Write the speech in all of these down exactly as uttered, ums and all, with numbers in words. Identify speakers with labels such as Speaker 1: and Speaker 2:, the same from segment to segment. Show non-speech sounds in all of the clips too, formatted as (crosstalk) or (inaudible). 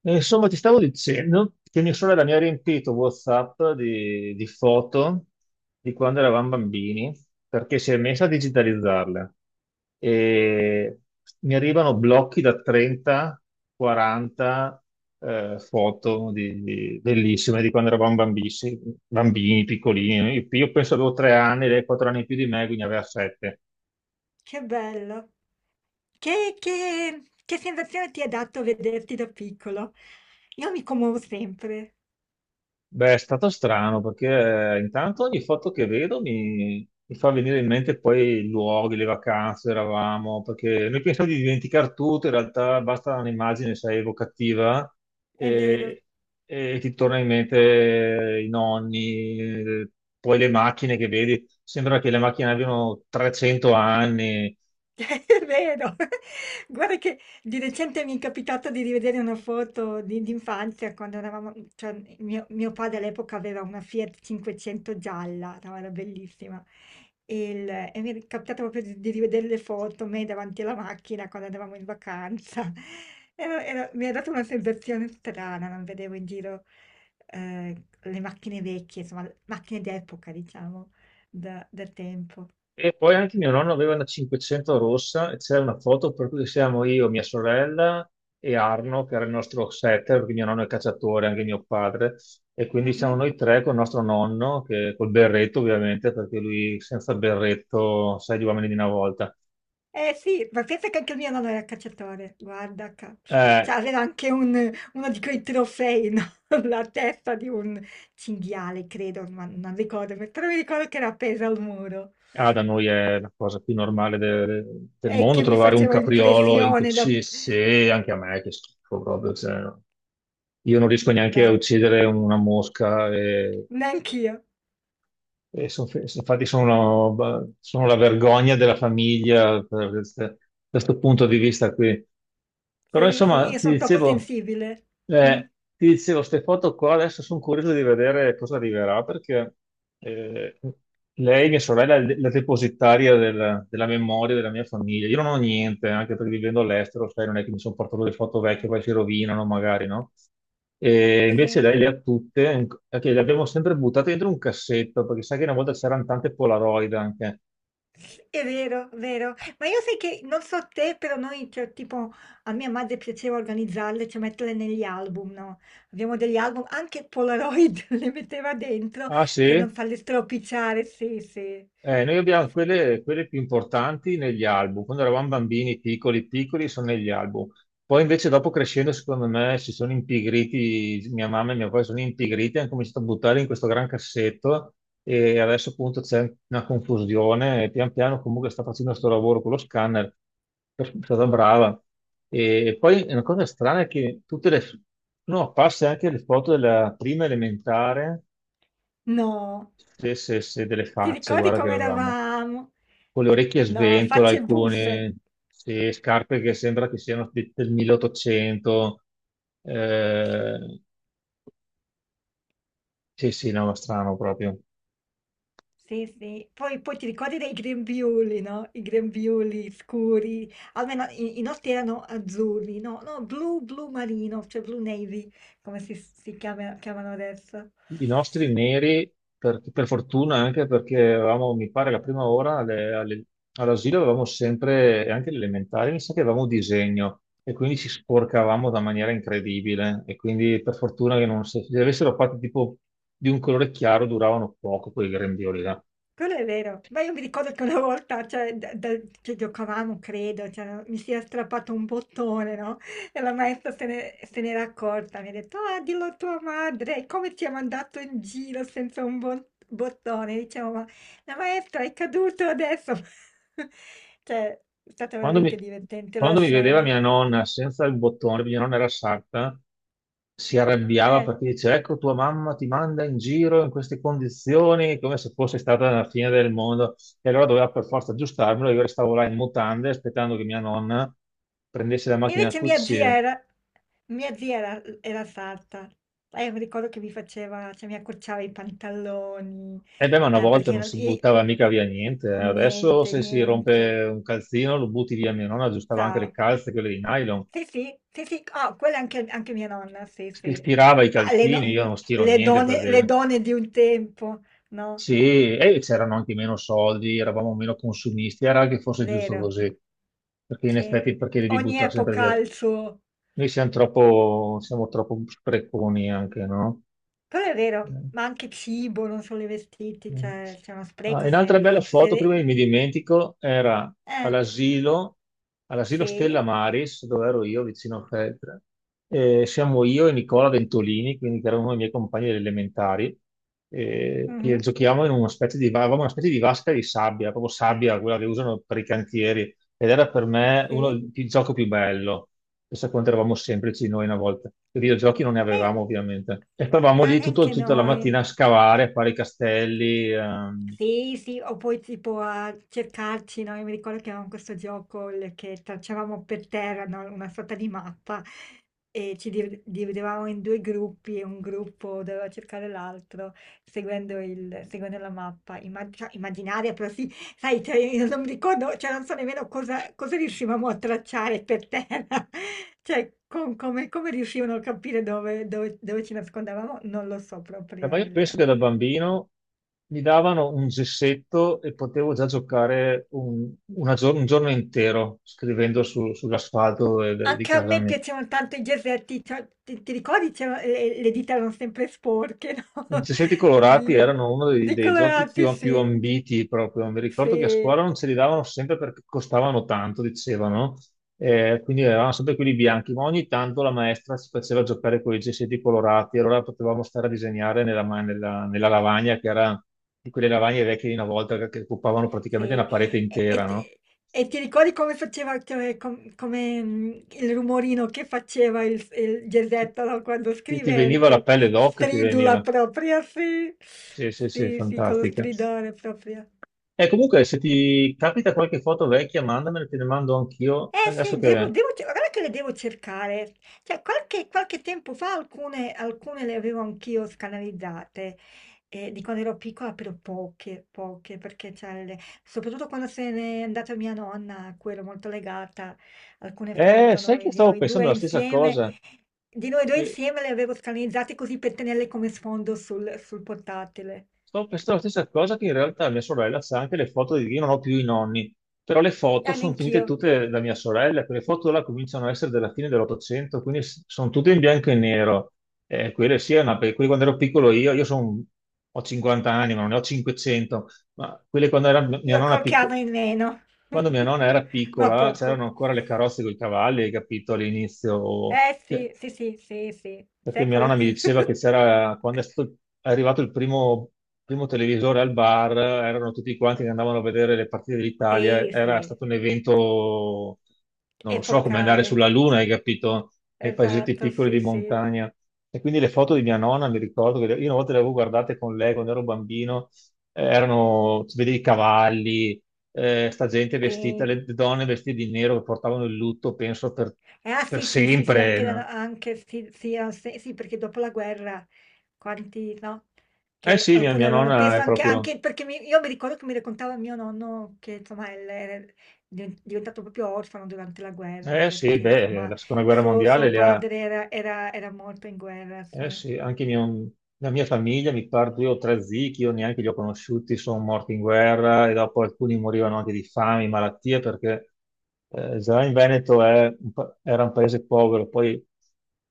Speaker 1: E Insomma, ti stavo dicendo che mia sorella mi ha riempito WhatsApp di, di foto di quando eravamo bambini, perché si è messa a digitalizzarle. E mi arrivano blocchi da trenta, quaranta eh, foto di- di- bellissime di quando eravamo bambini, bambini piccolini. Io, io penso avevo tre anni, lei quattro anni più di me, quindi aveva sette.
Speaker 2: Che bello. Che, che- che sensazione ti ha dato vederti da piccolo? Io mi commuovo sempre,
Speaker 1: Beh, è stato strano perché eh, intanto ogni foto che vedo mi, mi fa venire in mente poi i luoghi, le vacanze, eravamo, perché noi pensavo di dimenticar tutto, in realtà basta un'immagine, sai, evocativa
Speaker 2: è vero.
Speaker 1: e, e ti torna in mente i nonni, eh, poi le macchine che vedi, sembra che le macchine abbiano trecento anni.
Speaker 2: (laughs) È vero, (laughs) guarda che di recente mi è capitato di rivedere una foto di, di infanzia quando eravamo, cioè mio, mio padre all'epoca aveva una Fiat cinquecento gialla, no, era bellissima, e, il- e mi è capitato proprio di, di rivedere le foto, me davanti alla macchina quando andavamo in vacanza. (laughs) Era- era- mi ha dato una sensazione strana, non vedevo in giro eh, le macchine vecchie, insomma, macchine d'epoca, diciamo, da, da tempo.
Speaker 1: E poi anche mio nonno aveva una cinquecento rossa e c'è una foto per cui siamo io, mia sorella e Arno, che era il nostro setter, perché mio nonno è cacciatore, anche mio padre, e quindi siamo noi tre con il nostro nonno, che, col berretto ovviamente, perché lui senza berretto, sai, gli uomini di una volta.
Speaker 2: Eh sì, ma pensa che anche il mio nonno era calciatore, guarda, ca-
Speaker 1: Eh,
Speaker 2: cioè, aveva anche un- uno di quei trofei, no? (laughs) La testa di un cinghiale, credo, ma non ricordo, però mi ricordo che era appesa al muro
Speaker 1: ah, da noi è la cosa più normale de- del
Speaker 2: e
Speaker 1: mondo
Speaker 2: che mi
Speaker 1: trovare un
Speaker 2: faceva
Speaker 1: capriolo in
Speaker 2: impressione da...
Speaker 1: cucisse, anche a me, che schifo proprio. Cioè, no. Io non riesco neanche a
Speaker 2: No,
Speaker 1: uccidere una mosca. E-
Speaker 2: neanch'io.
Speaker 1: E son fe- infatti sono, sono la vergogna della famiglia da questo punto di vista qui. Però
Speaker 2: Sì, sì,
Speaker 1: insomma,
Speaker 2: io
Speaker 1: ti
Speaker 2: sono troppo
Speaker 1: dicevo,
Speaker 2: sensibile. Mm,
Speaker 1: eh, ti dicevo, queste foto qua adesso sono curioso di vedere cosa arriverà perché eh, lei, mia sorella, è il- la depositaria del- della memoria della mia famiglia. Io non ho niente, anche perché vivendo all'estero, sai, non è che mi sono portato le foto vecchie,
Speaker 2: mm,
Speaker 1: poi si rovinano magari, no? E invece
Speaker 2: sì.
Speaker 1: lei le ha tutte, in- anche le abbiamo sempre buttate dentro un cassetto, perché sai che una volta c'erano tante Polaroid anche.
Speaker 2: È vero, vero. Ma io sai che non so te, però noi, cioè, tipo, a mia madre piaceva organizzarle, cioè metterle negli album, no? Abbiamo degli album, anche Polaroid (laughs) le metteva dentro
Speaker 1: Ah
Speaker 2: per
Speaker 1: sì?
Speaker 2: non farle stropicciare, sì, sì.
Speaker 1: Eh, noi abbiamo quelle, quelle più importanti negli album, quando eravamo bambini piccoli, piccoli sono negli album. Poi invece dopo crescendo, secondo me, si sono impigriti, mia mamma e mio padre sono impigriti, hanno cominciato a buttare in questo gran cassetto e adesso appunto c'è una confusione e pian piano comunque sta facendo questo lavoro con lo scanner, è stata brava. E poi una cosa strana è che tutte le... No, passa anche le foto della prima elementare,
Speaker 2: No,
Speaker 1: se, se, se delle
Speaker 2: ti
Speaker 1: facce,
Speaker 2: ricordi
Speaker 1: guarda che
Speaker 2: come
Speaker 1: avevamo
Speaker 2: eravamo?
Speaker 1: con le orecchie a
Speaker 2: No,
Speaker 1: sventola,
Speaker 2: facce buffe.
Speaker 1: alcune sì, scarpe che sembra che siano de- del milleottocento. Eh, sì, sì, no, ma strano proprio.
Speaker 2: Sì, sì. Poi, poi ti ricordi dei grembiuli, no? I grembiuli scuri, almeno i, i nostri erano azzurri, no? No, blu, blu marino, cioè blu navy, come si, si chiama- chiamano adesso.
Speaker 1: I nostri neri, per, per fortuna, anche perché avevamo, mi pare, la prima ora alle- alle- all'asilo avevamo sempre, e anche l'elementare, mi sa che avevamo un disegno e quindi ci sporcavamo da maniera incredibile. E quindi per fortuna che non se, se avessero fatto tipo di un colore chiaro duravano poco quei grembiuli là.
Speaker 2: Quello è vero, ma io mi ricordo che una volta cioè, da- da- che giocavamo, credo, cioè, no, mi si è strappato un bottone, no? E la maestra se ne, se n'era accorta, mi ha detto, ah, dillo a tua madre, e come ti ha mandato in giro senza un bon- bottone? Dicevo, ma la maestra è caduta adesso. (laughs) Cioè, è stata
Speaker 1: Quando mi,
Speaker 2: veramente divertente la
Speaker 1: quando mi vedeva
Speaker 2: scena.
Speaker 1: mia nonna senza il bottone, perché mia nonna era sarta, si arrabbiava
Speaker 2: Eh.
Speaker 1: perché dice: Ecco, tua mamma ti manda in giro in queste condizioni, come se fosse stata la fine del mondo. E allora doveva per forza aggiustarmelo. Io restavo là in mutande aspettando che mia nonna prendesse la macchina a
Speaker 2: Invece mia zia
Speaker 1: cucire.
Speaker 2: era, mia zia era, era sarta. Lei mi ricordo che mi faceva, cioè mi accorciava i pantaloni,
Speaker 1: E beh, ma una
Speaker 2: eh,
Speaker 1: volta
Speaker 2: perché
Speaker 1: non
Speaker 2: non-
Speaker 1: si
Speaker 2: i-
Speaker 1: buttava mica via niente. Eh. Adesso
Speaker 2: niente,
Speaker 1: se si
Speaker 2: niente.
Speaker 1: rompe un calzino lo butti via. Mia nonna aggiustava anche le
Speaker 2: Ciao.
Speaker 1: calze, quelle di nylon.
Speaker 2: Sì, sì, sì, sì. Oh, quella è anche, anche mia nonna, sì,
Speaker 1: Si
Speaker 2: sì.
Speaker 1: stirava i
Speaker 2: Ma le, no-
Speaker 1: calzini, io non stiro
Speaker 2: le
Speaker 1: niente per
Speaker 2: donne, le
Speaker 1: dire.
Speaker 2: donne di un tempo, no?
Speaker 1: Sì, e c'erano anche meno soldi, eravamo meno consumisti, era anche forse giusto
Speaker 2: Vero.
Speaker 1: così, perché in
Speaker 2: Sì.
Speaker 1: effetti perché devi
Speaker 2: Ogni
Speaker 1: buttare sempre
Speaker 2: epoca
Speaker 1: via?
Speaker 2: ha il suo.
Speaker 1: Noi siamo troppo, siamo troppo spreconi anche, no?
Speaker 2: Però è vero, ma anche cibo, non solo i vestiti,
Speaker 1: Mm.
Speaker 2: cioè c'è uno
Speaker 1: Ah,
Speaker 2: spreco
Speaker 1: e un'altra
Speaker 2: se...
Speaker 1: bella foto, prima
Speaker 2: Se,
Speaker 1: che mi dimentico, era
Speaker 2: eh,
Speaker 1: all'asilo, all'asilo Stella
Speaker 2: sì,
Speaker 1: Maris, dove ero io, vicino a Feltre. E siamo io e Nicola Ventolini, quindi che eravamo i miei compagni delle elementari, eh, che
Speaker 2: mh-mh,
Speaker 1: giochiamo in una specie di, va- avevamo una specie di vasca di sabbia, proprio sabbia, quella che usano per i cantieri. Ed era per me uno,
Speaker 2: sì.
Speaker 1: il gioco più bello. Pensa quanto eravamo semplici noi una volta. I videogiochi non ne
Speaker 2: E
Speaker 1: avevamo ovviamente. E stavamo
Speaker 2: ah,
Speaker 1: lì tutto-
Speaker 2: neanche
Speaker 1: tutta la
Speaker 2: noi.
Speaker 1: mattina a scavare, a fare i castelli. ehm.
Speaker 2: Sì, sì, o poi tipo a cercarci, no? Io mi ricordo che avevamo questo gioco il- che tracciavamo per terra, no? Una sorta di mappa e ci div- dividevamo in due gruppi e un gruppo doveva cercare l'altro seguendo, il- seguendo la mappa, Imma- cioè, immaginaria, però sì, sai, cioè, io non mi ricordo, cioè non so nemmeno cosa, cosa riuscivamo a tracciare per terra, (laughs) cioè con- come, come riuscivano a capire dove, dove- dove ci nascondevamo, non lo so
Speaker 1: Eh,
Speaker 2: proprio.
Speaker 1: Ma io penso che da bambino mi davano un gessetto e potevo già giocare un, una gior- un giorno intero scrivendo su- sull'asfalto eh, de- di
Speaker 2: Anche a
Speaker 1: casa
Speaker 2: me
Speaker 1: mia.
Speaker 2: piacevano tanto i gesetti, cioè, ti, ti ricordi? C'era- le, le dita erano sempre sporche, no?
Speaker 1: I gessetti
Speaker 2: (laughs)
Speaker 1: colorati
Speaker 2: Di,
Speaker 1: erano uno dei,
Speaker 2: di
Speaker 1: dei giochi
Speaker 2: colorati,
Speaker 1: più, più
Speaker 2: sì,
Speaker 1: ambiti proprio. Mi ricordo che a
Speaker 2: sì,
Speaker 1: scuola non ce li davano sempre perché costavano tanto, dicevano. Eh, quindi avevamo sempre quelli bianchi, ma ogni tanto la maestra ci faceva giocare con i gessetti colorati. Allora potevamo stare a disegnare nella, ma- nella- nella lavagna, che era di quelle lavagne vecchie di una volta che che occupavano praticamente una
Speaker 2: sì.
Speaker 1: parete
Speaker 2: E, e
Speaker 1: intera,
Speaker 2: ti
Speaker 1: no?
Speaker 2: e ti ricordi come faceva, cioè, com- come mm, il rumorino che faceva il, il gesetto, no? Quando
Speaker 1: Ti, ti
Speaker 2: scrivevi,
Speaker 1: veniva la
Speaker 2: che
Speaker 1: pelle d'oca, ti veniva.
Speaker 2: stridula propria, sì,
Speaker 1: Sì, sì, sì,
Speaker 2: sì, sì, con lo
Speaker 1: fantastica.
Speaker 2: stridore proprio.
Speaker 1: E comunque, se ti capita qualche foto vecchia, mandamela, te ne mando anch'io.
Speaker 2: Eh
Speaker 1: Adesso
Speaker 2: sì, devo,
Speaker 1: che...
Speaker 2: devo ce- guarda che le devo cercare. Cioè, qualche, qualche tempo fa alcune, alcune le avevo anch'io scanalizzate. Eh, di quando ero piccola, però poche, poche, perché c'è le- soprattutto quando se n'è andata mia nonna, a cui ero molto legata, alcune
Speaker 1: Eh,
Speaker 2: foto
Speaker 1: sai
Speaker 2: noi-
Speaker 1: che
Speaker 2: di
Speaker 1: stavo
Speaker 2: noi
Speaker 1: pensando
Speaker 2: due
Speaker 1: la stessa
Speaker 2: insieme,
Speaker 1: cosa?
Speaker 2: di noi due
Speaker 1: Che-
Speaker 2: insieme le avevo scanalizzate così per tenerle come sfondo sul, sul portatile.
Speaker 1: Stavo pensando la stessa cosa che in realtà mia sorella sa anche le foto di... Io non ho più i nonni, però le foto
Speaker 2: Ah,
Speaker 1: sono finite
Speaker 2: neanch'io,
Speaker 1: tutte da mia sorella, perché le foto là cominciano a essere della fine dell'Ottocento, quindi s- sono tutte in bianco e nero. Eh, quelle sì, è una- perché quelle quando ero piccolo io, io son- ho cinquanta anni, ma non ne ho cinquecento, ma quelle quando era mia
Speaker 2: io
Speaker 1: nonna
Speaker 2: qualche
Speaker 1: piccola.
Speaker 2: anno in meno,
Speaker 1: Quando mia
Speaker 2: (laughs)
Speaker 1: nonna era
Speaker 2: ma
Speaker 1: piccola
Speaker 2: poco.
Speaker 1: c'erano ancora le carrozze con i cavalli, hai capito, all'inizio.
Speaker 2: Eh sì, sì, sì, sì, sì,
Speaker 1: Perché mia nonna
Speaker 2: secolo.
Speaker 1: mi diceva che
Speaker 2: (laughs)
Speaker 1: c'era, quando è stato è arrivato il primo, primo televisore al bar, erano tutti quanti che andavano a vedere le partite dell'Italia,
Speaker 2: Sì,
Speaker 1: era
Speaker 2: sì,
Speaker 1: stato un evento, non lo so, come andare
Speaker 2: epocale,
Speaker 1: sulla Luna, hai capito? Nei paesetti
Speaker 2: esatto,
Speaker 1: piccoli
Speaker 2: sì,
Speaker 1: di
Speaker 2: sì,
Speaker 1: montagna. E quindi le foto di mia nonna, mi ricordo, che io una volta le avevo guardate con lei quando ero bambino, eh, erano, vedevi i cavalli, eh, sta gente vestita,
Speaker 2: sì.
Speaker 1: le donne vestite di nero che portavano il lutto, penso, per,
Speaker 2: Eh, ah
Speaker 1: per
Speaker 2: sì, sì, sì, sì,
Speaker 1: sempre.
Speaker 2: anche, da-
Speaker 1: No?
Speaker 2: anche sì, sì, ah, sì, sì, perché dopo la guerra, quanti, no?
Speaker 1: Eh
Speaker 2: Che
Speaker 1: sì, mia,
Speaker 2: alcuni
Speaker 1: mia
Speaker 2: avevano
Speaker 1: nonna
Speaker 2: perso
Speaker 1: è
Speaker 2: anche,
Speaker 1: proprio...
Speaker 2: anche perché mi- io mi ricordo che mi raccontava mio nonno che insomma è era diven- diventato proprio orfano durante la guerra
Speaker 1: Eh sì,
Speaker 2: perché
Speaker 1: beh,
Speaker 2: insomma
Speaker 1: la seconda guerra
Speaker 2: suo,
Speaker 1: mondiale
Speaker 2: suo
Speaker 1: le ha...
Speaker 2: padre era, era- era morto in guerra,
Speaker 1: Eh
Speaker 2: sì,
Speaker 1: sì, anche mio- la mia famiglia, mi pare due o tre zii che io neanche li ho conosciuti, sono morti in guerra e dopo alcuni morivano anche di fame, malattie, perché eh, già in Veneto è un pa- era un paese povero, poi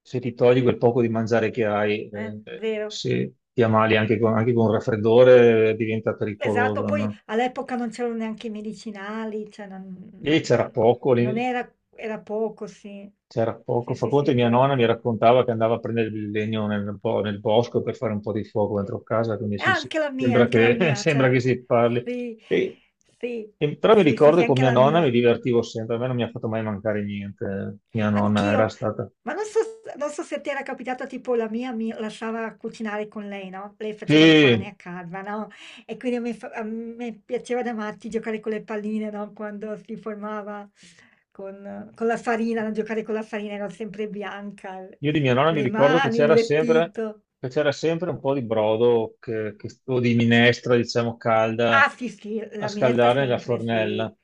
Speaker 1: se ti togli quel poco di mangiare che hai,
Speaker 2: eh,
Speaker 1: eh,
Speaker 2: vero.
Speaker 1: se ti ammali anche con, anche con un raffreddore eh, diventa
Speaker 2: Esatto,
Speaker 1: pericoloso,
Speaker 2: poi
Speaker 1: no?
Speaker 2: all'epoca non c'erano neanche i medicinali, cioè non,
Speaker 1: Lì c'era
Speaker 2: non-
Speaker 1: poco, lì-
Speaker 2: non era, era poco, sì.
Speaker 1: C'era poco.
Speaker 2: Sì,
Speaker 1: Fa
Speaker 2: sì,
Speaker 1: conto
Speaker 2: sì,
Speaker 1: che mia nonna mi
Speaker 2: poco.
Speaker 1: raccontava che andava a prendere il legno nel, bo- nel bosco per fare un po' di fuoco dentro casa, quindi
Speaker 2: E
Speaker 1: sì, sì,
Speaker 2: anche la mia,
Speaker 1: sembra
Speaker 2: anche la
Speaker 1: che, (laughs)
Speaker 2: mia,
Speaker 1: sembra
Speaker 2: cioè,
Speaker 1: che si parli.
Speaker 2: sì,
Speaker 1: E-
Speaker 2: sì,
Speaker 1: e- però mi
Speaker 2: sì, sì,
Speaker 1: ricordo
Speaker 2: sì,
Speaker 1: che con
Speaker 2: anche
Speaker 1: mia
Speaker 2: la
Speaker 1: nonna mi
Speaker 2: mia.
Speaker 1: divertivo sempre, a me non mi ha fatto mai mancare niente. Mia nonna era
Speaker 2: Anch'io,
Speaker 1: stata...
Speaker 2: ma non so, s- non so se ti era capitato, tipo la mia mi lasciava cucinare con lei, no? Lei faceva il pane
Speaker 1: Sì,
Speaker 2: a casa, no? E quindi a me, fa- a me piaceva da matti giocare con le palline, no? Quando si formava con, con la farina, no? Giocare con la farina, ero sempre bianca,
Speaker 1: io di mia nonna mi
Speaker 2: le
Speaker 1: ricordo che
Speaker 2: mani, il
Speaker 1: c'era sempre,
Speaker 2: vestito.
Speaker 1: che c'era sempre un po' di brodo che- che- o di minestra, diciamo, calda
Speaker 2: Ah sì, sì,
Speaker 1: a
Speaker 2: la minestra
Speaker 1: scaldare nella
Speaker 2: sempre,
Speaker 1: fornella.
Speaker 2: sì.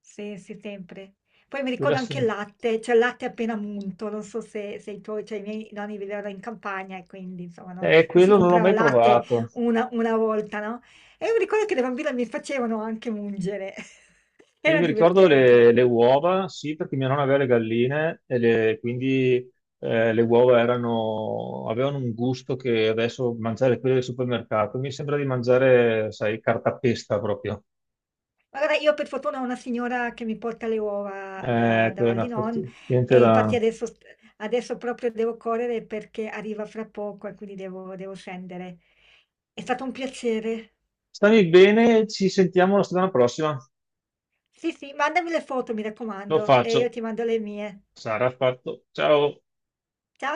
Speaker 2: Sì, sì, sempre. Poi mi
Speaker 1: Quella
Speaker 2: ricordo anche il
Speaker 1: sempre.
Speaker 2: latte, cioè il latte appena munto, non so se, se i tuoi, cioè i miei nonni vivevano in campagna e quindi insomma non,
Speaker 1: Eh,
Speaker 2: non si
Speaker 1: quello non l'ho
Speaker 2: comprava
Speaker 1: mai
Speaker 2: latte
Speaker 1: provato.
Speaker 2: una, una volta, no? E mi ricordo che le bambine mi facevano anche mungere, (laughs)
Speaker 1: Io
Speaker 2: era
Speaker 1: mi ricordo le,
Speaker 2: divertente.
Speaker 1: le uova, sì, perché mia nonna aveva le galline e le- quindi eh, le uova erano, avevano un gusto che adesso mangiare quelle del supermercato mi sembra di mangiare, sai, cartapesta proprio.
Speaker 2: Allora, io per fortuna ho una signora che mi porta le uova da,
Speaker 1: Eh,
Speaker 2: da
Speaker 1: quella è
Speaker 2: Val
Speaker 1: una
Speaker 2: di Non
Speaker 1: fortuna.
Speaker 2: e
Speaker 1: Era...
Speaker 2: infatti adesso, st- adesso proprio devo correre perché arriva fra poco e quindi devo, devo scendere. È stato un piacere.
Speaker 1: Stammi bene, ci sentiamo la settimana prossima.
Speaker 2: Sì, sì, mandami le foto, mi
Speaker 1: Lo
Speaker 2: raccomando, e io
Speaker 1: faccio.
Speaker 2: ti mando le mie.
Speaker 1: Sarà fatto. Ciao.
Speaker 2: Ciao!